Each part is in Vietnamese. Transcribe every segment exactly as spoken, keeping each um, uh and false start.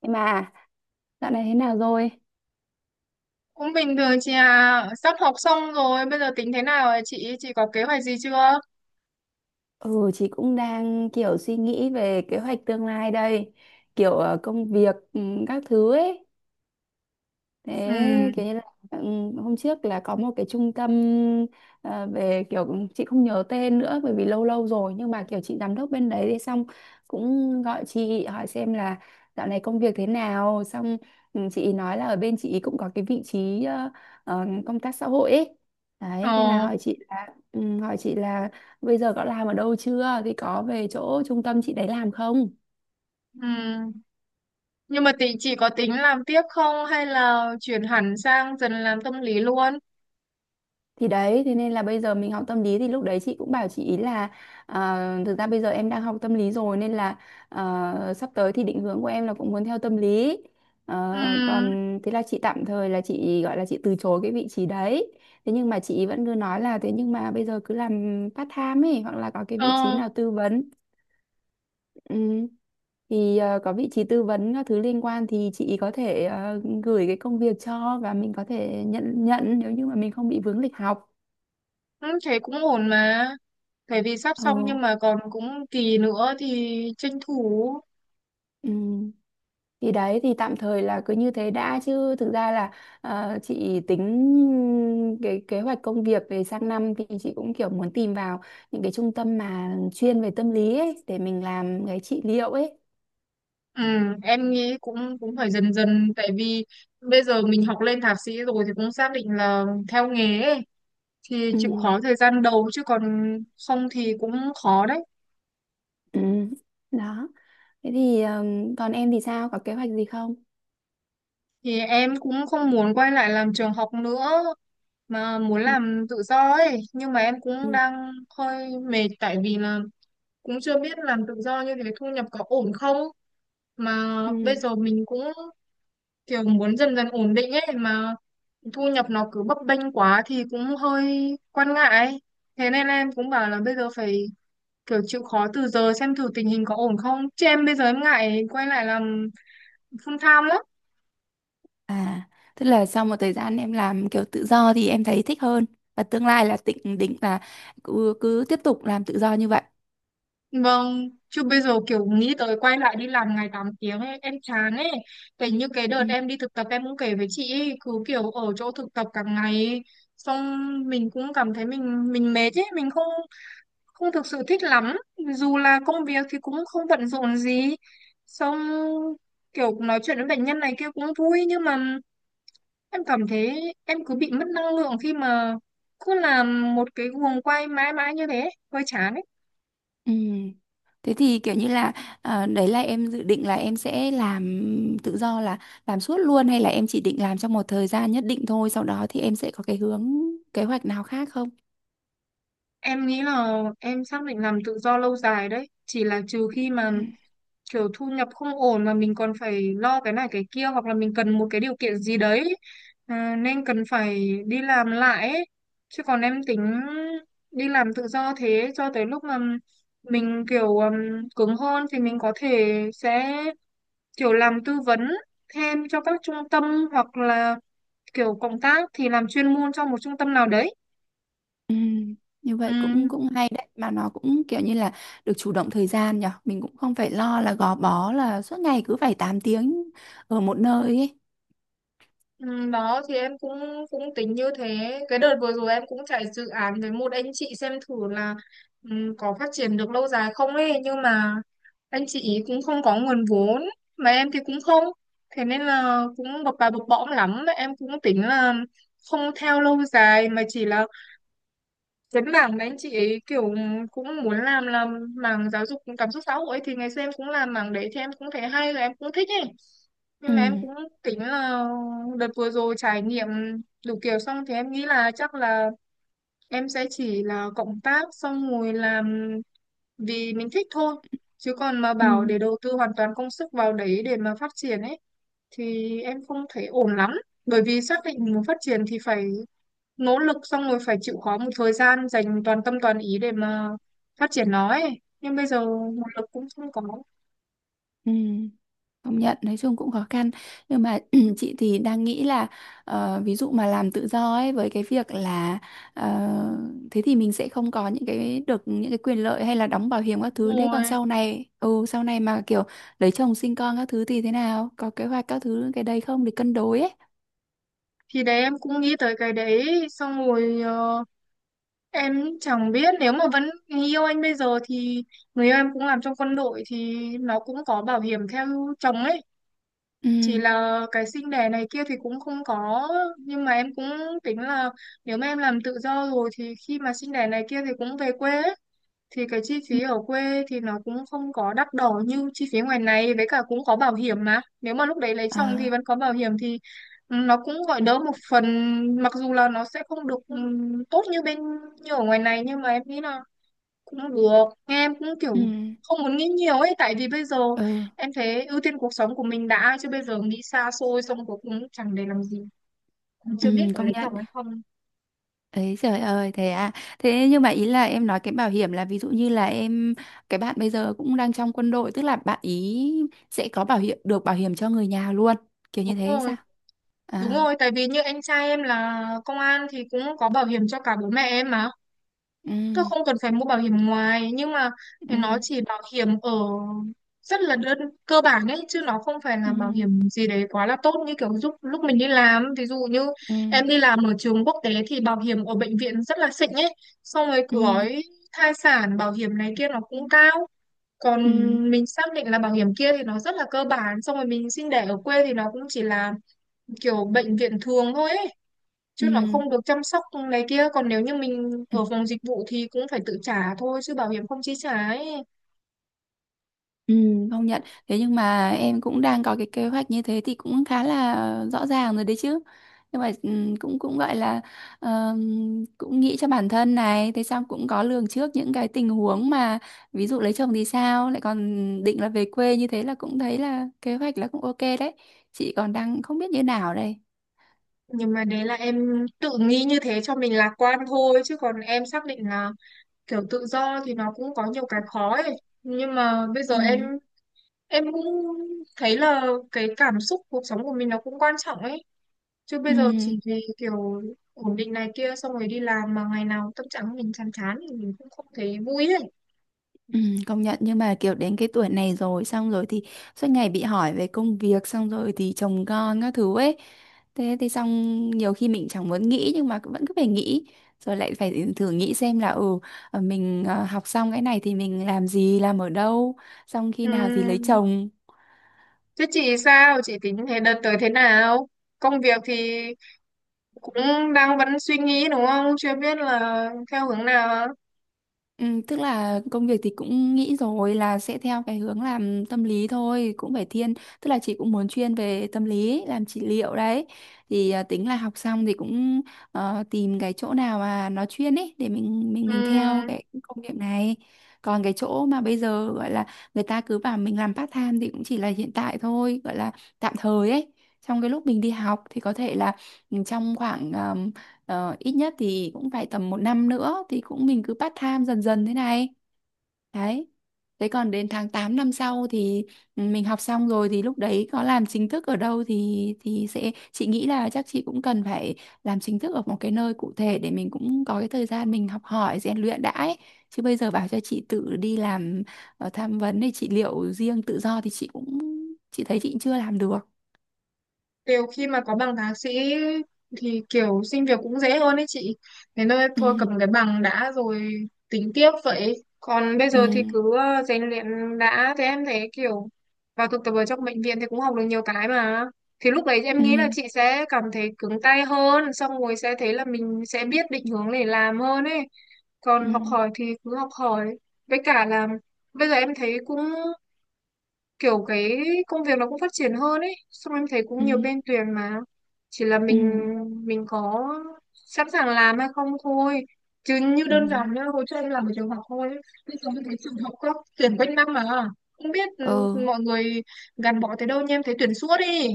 Nhưng mà dạo này thế nào rồi? Cũng bình thường chị à, sắp học xong rồi, bây giờ tính thế nào ạ chị? Chị có kế hoạch gì chưa? Ừ, chị cũng đang kiểu suy nghĩ về kế hoạch tương lai đây, kiểu ờ, công việc ừ, các thứ ấy. Ừ, Thế kiểu như là ừ, hôm trước là có một cái trung tâm ờ, về kiểu chị không nhớ tên nữa bởi vì lâu lâu rồi nhưng mà kiểu chị giám đốc bên đấy thì xong cũng gọi chị hỏi xem là dạo này công việc thế nào xong ừ, chị ý nói là ở bên chị ý cũng có cái vị trí ờ, ờ, công tác xã hội ấy. Đấy, thế là ờ, hỏi chị là ừ, hỏi chị là bây giờ có làm ở đâu chưa thì có về chỗ trung tâm chị đấy làm không? ừ. Nhưng mà tính chị có tính làm tiếp không hay là chuyển hẳn sang dần làm tâm lý luôn? Thì đấy, thế nên là bây giờ mình học tâm lý thì lúc đấy chị cũng bảo chị ý là à, thực ra bây giờ em đang học tâm lý rồi nên là à, sắp tới thì định hướng của em là cũng muốn theo tâm lý. Ừ, Ờ, còn thế là chị tạm thời là chị gọi là chị từ chối cái vị trí đấy. Thế nhưng mà chị ý vẫn cứ nói là thế nhưng mà bây giờ cứ làm part time ấy hoặc là có cái vị trí ờ, nào tư vấn. Ừ. Thì ờ, có vị trí tư vấn các thứ liên quan thì chị có thể ờ, gửi cái công việc cho và mình có thể nhận nhận nếu như mà mình không bị vướng lịch học. ừ, thế cũng ổn mà. Bởi vì sắp Ờ, xong nhưng mà còn cũng kỳ nữa thì tranh thủ. ừ. Thì đấy thì tạm thời là cứ như thế đã chứ thực ra là ờ, chị tính cái kế hoạch công việc về sang năm thì chị cũng kiểu muốn tìm vào những cái trung tâm mà chuyên về tâm lý ấy để mình làm cái trị liệu ấy. Ừ, em nghĩ cũng cũng phải dần dần, tại vì bây giờ mình học lên thạc sĩ rồi thì cũng xác định là theo nghề ấy. Thì Ừ. chịu khó thời gian đầu chứ còn không thì cũng khó đấy. Ừ. Đó. Thế thì ờm, còn em thì sao? Có kế hoạch gì không? Thì em cũng không muốn quay lại làm trường học nữa mà muốn Ừ. làm tự do ấy, nhưng mà em cũng Ừ. đang hơi mệt tại vì là cũng chưa biết làm tự do như thế thu nhập có ổn không, mà bây Ừ. giờ mình cũng kiểu muốn dần dần ổn định ấy mà thu nhập nó cứ bấp bênh quá thì cũng hơi quan ngại. Thế nên em cũng bảo là bây giờ phải kiểu chịu khó từ giờ xem thử tình hình có ổn không, chứ em bây giờ em ngại quay lại làm full time lắm. À, tức là sau một thời gian em làm kiểu tự do thì em thấy thích hơn và tương lai là định định là cứ, cứ tiếp tục làm tự do như vậy. Vâng, chứ bây giờ kiểu nghĩ tới quay lại đi làm ngày tám tiếng ấy, em chán ấy. Tại như cái đợt em đi thực tập em cũng kể với chị ấy, cứ kiểu ở chỗ thực tập cả ngày ấy, xong mình cũng cảm thấy mình mình mệt ấy, mình không không thực sự thích lắm, dù là công việc thì cũng không bận rộn gì, xong kiểu nói chuyện với bệnh nhân này kia cũng vui nhưng mà em cảm thấy em cứ bị mất năng lượng khi mà cứ làm một cái guồng quay mãi mãi như thế, hơi chán ấy. Ừ. Thế thì kiểu như là ờ, đấy là em dự định là em sẽ làm tự do là làm suốt luôn hay là em chỉ định làm trong một thời gian nhất định thôi sau đó thì em sẽ có cái hướng kế hoạch nào khác không? Em nghĩ là em xác định làm tự do lâu dài đấy, chỉ là trừ khi mà Ừ. kiểu thu nhập không ổn mà mình còn phải lo cái này cái kia hoặc là mình cần một cái điều kiện gì đấy, à, nên cần phải đi làm lại ấy. Chứ còn em tính đi làm tự do thế cho tới lúc mà mình kiểu um, cứng hơn thì mình có thể sẽ kiểu làm tư vấn thêm cho các trung tâm hoặc là kiểu cộng tác thì làm chuyên môn cho một trung tâm nào đấy. Ừ. Như Ừ. vậy cũng cũng hay đấy mà nó cũng kiểu như là được chủ động thời gian nhở mình cũng không phải lo là gò bó là suốt ngày cứ phải tám tiếng ở một nơi ấy. Ừ, đó thì em cũng cũng tính như thế. Cái đợt vừa rồi em cũng chạy dự án với một anh chị xem thử là, ừ, có phát triển được lâu dài không ấy, nhưng mà anh chị ý cũng không có nguồn vốn mà em thì cũng không, thế nên là cũng bập bà bập bõm lắm. Em cũng tính là không theo lâu dài mà chỉ là cái mảng mà anh chị kiểu cũng muốn làm là mảng giáo dục cảm xúc xã hội ấy, thì ngày xưa em cũng làm mảng đấy thì em cũng thấy hay, là em cũng thích ấy, nhưng Ừ. mà em cũng tính là đợt vừa rồi trải nghiệm đủ kiểu xong thì em nghĩ là chắc là em sẽ chỉ là cộng tác xong rồi làm vì mình thích thôi, chứ còn mà Ừ. bảo để đầu tư hoàn toàn công sức vào đấy để mà phát triển ấy thì em không thấy ổn lắm. Bởi vì xác Ừ. định muốn phát triển thì phải nỗ lực, xong rồi phải chịu khó một thời gian dành toàn tâm toàn ý để mà phát triển nó ấy, nhưng bây giờ nguồn lực cũng không có. Ừ. Công nhận nói chung cũng khó khăn nhưng mà chị thì đang nghĩ là ờ, ví dụ mà làm tự do ấy với cái việc là ờ, thế thì mình sẽ không có những cái được những cái quyền lợi hay là đóng bảo hiểm các thứ Đúng đấy còn rồi, sau này ừ sau này mà kiểu lấy chồng sinh con các thứ thì thế nào có kế hoạch các thứ cái đấy không để cân đối ấy. thì đấy em cũng nghĩ tới cái đấy xong rồi, ờ, em chẳng biết, nếu mà vẫn người yêu anh bây giờ thì người yêu em cũng làm trong quân đội thì nó cũng có bảo hiểm theo chồng ấy, Ừ, chỉ là cái sinh đẻ này kia thì cũng không có. Nhưng mà em cũng tính là nếu mà em làm tự do rồi thì khi mà sinh đẻ này kia thì cũng về quê ấy, thì cái chi ừ. phí ở quê thì nó cũng không có đắt đỏ như chi phí ngoài này, với cả cũng có bảo hiểm mà, nếu mà lúc đấy lấy chồng thì À, vẫn có bảo hiểm thì, ừ, nó cũng gọi đỡ một phần. Mặc dù là nó sẽ không được ừm, tốt như bên như ở ngoài này, nhưng mà em nghĩ là cũng được. Em cũng ừ, kiểu không muốn nghĩ nhiều ấy, tại vì bây giờ ừ. em thấy ưu tiên cuộc sống của mình đã, chứ bây giờ nghĩ xa xôi xong cuối cùng chẳng để làm gì, Ừ, chưa biết có công lấy nhận. chồng hay không. Ấy trời ơi, thế à? Thế nhưng mà ý là em nói cái bảo hiểm là ví dụ như là em cái bạn bây giờ cũng đang trong quân đội tức là bạn ý sẽ có bảo hiểm được bảo hiểm cho người nhà luôn kiểu như Đúng thế hay rồi. sao? Đúng À, rồi, tại vì như anh trai em là công an thì cũng có bảo hiểm cho cả bố mẹ em mà. ừ, Tôi không cần phải mua bảo hiểm ngoài, nhưng mà nó ừ, chỉ bảo hiểm ở rất là đơn cơ bản ấy, chứ nó không phải ừ, là bảo hiểm gì đấy quá là tốt như kiểu giúp lúc mình đi làm. Ví dụ như ừ, em đi làm ở trường quốc tế thì bảo hiểm ở bệnh viện rất là xịn ấy, xong rồi ừ, cứ gói thai sản, bảo hiểm này kia nó cũng cao. Còn ừ, ừ, mình xác định là bảo hiểm kia thì nó rất là cơ bản, xong rồi mình sinh đẻ ở quê thì nó cũng chỉ là kiểu bệnh viện thường thôi ấy, chứ nó ừ. không được chăm sóc này kia. Còn nếu như mình ở phòng dịch vụ thì cũng phải tự trả thôi chứ bảo hiểm không chi trả ấy. Ừ, công nhận. Thế nhưng mà em cũng đang có cái kế hoạch như thế thì cũng khá là rõ ràng rồi đấy chứ. Nhưng mà ừ, cũng cũng gọi là ờm, cũng nghĩ cho bản thân này, thế xong cũng có lường trước những cái tình huống mà ví dụ lấy chồng thì sao, lại còn định là về quê như thế là cũng thấy là kế hoạch là cũng ok đấy. Chị còn đang không biết như nào đây. Nhưng mà đấy là em tự nghĩ như thế cho mình lạc quan thôi, chứ còn em xác định là kiểu tự do thì nó cũng có nhiều cái khó ấy, nhưng mà bây giờ Ừ. em em cũng thấy là cái cảm xúc cuộc sống của mình nó cũng quan trọng ấy. Chứ Ừ. bây giờ chỉ vì kiểu ổn định này kia xong rồi đi làm mà ngày nào tâm trạng mình chán chán thì mình cũng không thấy vui ấy. Ừ, công nhận nhưng mà kiểu đến cái tuổi này rồi xong rồi thì suốt ngày bị hỏi về công việc xong rồi thì chồng con các thứ ấy thế thì xong nhiều khi mình chẳng muốn nghĩ nhưng mà vẫn cứ phải nghĩ rồi lại phải thử nghĩ xem là ừ ờ, mình ờ, học xong cái này thì mình làm gì làm ở đâu xong khi nào thì lấy Ừm, chồng. Thế chị sao? Chị tính thế đợt tới thế nào? Công việc thì cũng đang vẫn suy nghĩ đúng không? Chưa biết là theo hướng nào. Ừ, tức là công việc thì cũng nghĩ rồi là sẽ theo cái hướng làm tâm lý thôi cũng phải thiên tức là chị cũng muốn chuyên về tâm lý làm trị liệu đấy thì à, tính là học xong thì cũng ờ, tìm cái chỗ nào mà nó chuyên ấy để mình mình Ừ. mình theo cái công việc này còn cái chỗ mà bây giờ gọi là người ta cứ bảo mình làm part time thì cũng chỉ là hiện tại thôi gọi là tạm thời ấy trong cái lúc mình đi học thì có thể là ừ, trong khoảng Ờ, ít nhất thì cũng phải tầm một năm nữa thì cũng mình cứ part time dần dần thế này. Đấy. Thế còn đến tháng tám năm sau thì ừ, mình học xong rồi thì lúc đấy có làm chính thức ở đâu thì thì sẽ chị nghĩ là chắc chị cũng cần phải làm chính thức ở một cái nơi cụ thể để mình cũng có cái thời gian mình học hỏi rèn luyện đã ấy. Chứ bây giờ bảo cho chị tự đi làm ờ, tham vấn thì chị liệu riêng tự do thì chị cũng chị thấy chị chưa làm được. Kiểu khi mà có bằng thạc sĩ thì kiểu xin việc cũng dễ hơn ấy chị. Thế nên Ừ, thôi cầm cái bằng đã rồi tính tiếp vậy. Còn bây ừ, giờ thì cứ, ờ, rèn luyện đã. Thế em thấy kiểu vào thực tập ở trong bệnh viện thì cũng học được nhiều cái mà. Thì lúc đấy em ừ, nghĩ là chị sẽ cảm thấy cứng tay hơn. Xong rồi sẽ thấy là mình sẽ biết định hướng để làm hơn ấy. Còn ừ, học hỏi thì cứ học hỏi. Với cả là bây giờ em thấy cũng kiểu cái công việc nó cũng phát triển hơn ấy, xong em thấy cũng ừ, nhiều ừ. bên tuyển mà, chỉ là Ừ. mình mình có sẵn sàng làm hay không thôi. Chứ như đơn Ừ. giản nhá, hồi trước em làm ở trường học thôi, bây giờ em thấy trường học có tuyển quanh năm mà, không biết, ừ, Ừ. mọi người gắn bó tới đâu nhưng em thấy tuyển suốt đi.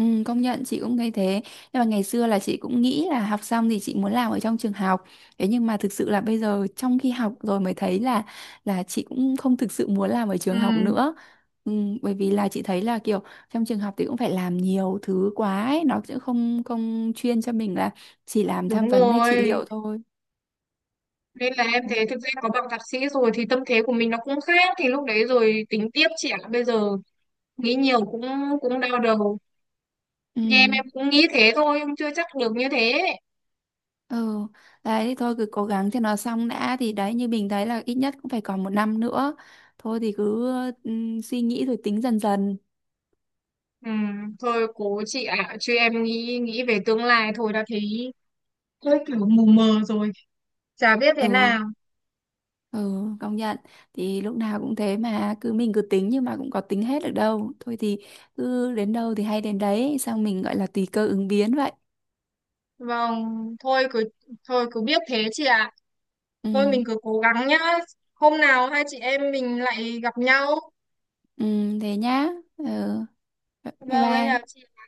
Ừ, công nhận chị cũng thấy thế nhưng mà ngày xưa là chị cũng nghĩ là học xong thì chị muốn làm ở trong trường học thế nhưng mà thực sự là bây giờ trong khi học rồi mới thấy là là chị cũng không thực sự muốn làm ở trường học Ừ. nữa. ừ, Bởi vì là chị thấy là kiểu trong trường học thì cũng phải làm nhiều thứ quá ấy. Nó sẽ không không chuyên cho mình là chỉ làm tham Đúng vấn hay trị rồi, liệu thôi. nên là em Đấy. thấy thực ra có bằng thạc sĩ rồi thì tâm thế của mình nó cũng khác, thì lúc đấy rồi tính tiếp, trẻ bây giờ nghĩ nhiều cũng cũng đau đầu. Ừ. Thì em em cũng nghĩ thế thôi nhưng chưa chắc được như thế. Ừ, đấy thì thôi cứ cố gắng cho nó xong đã thì đấy như mình thấy là ít nhất cũng phải còn một năm nữa. Thôi thì cứ ừm, suy nghĩ rồi tính dần dần. Ừ, thôi cố chị ạ, chứ em nghĩ nghĩ về tương lai thôi đã thấy hơi kiểu mù mờ rồi, chả biết thế Ừ, nào. ừ, công nhận. Thì lúc nào cũng thế mà cứ mình cứ tính nhưng mà cũng có tính hết được đâu. Thôi thì cứ đến đâu thì hay đến đấy, xong mình gọi là tùy cơ ứng biến vậy. Vâng, thôi cứ, thôi cứ biết thế chị ạ. Thôi Ừ, mình cứ cố gắng nhá, hôm nào hai chị em mình lại gặp nhau. ừ, thế nhá. Ừ, bye Vâng em chào bye. chị.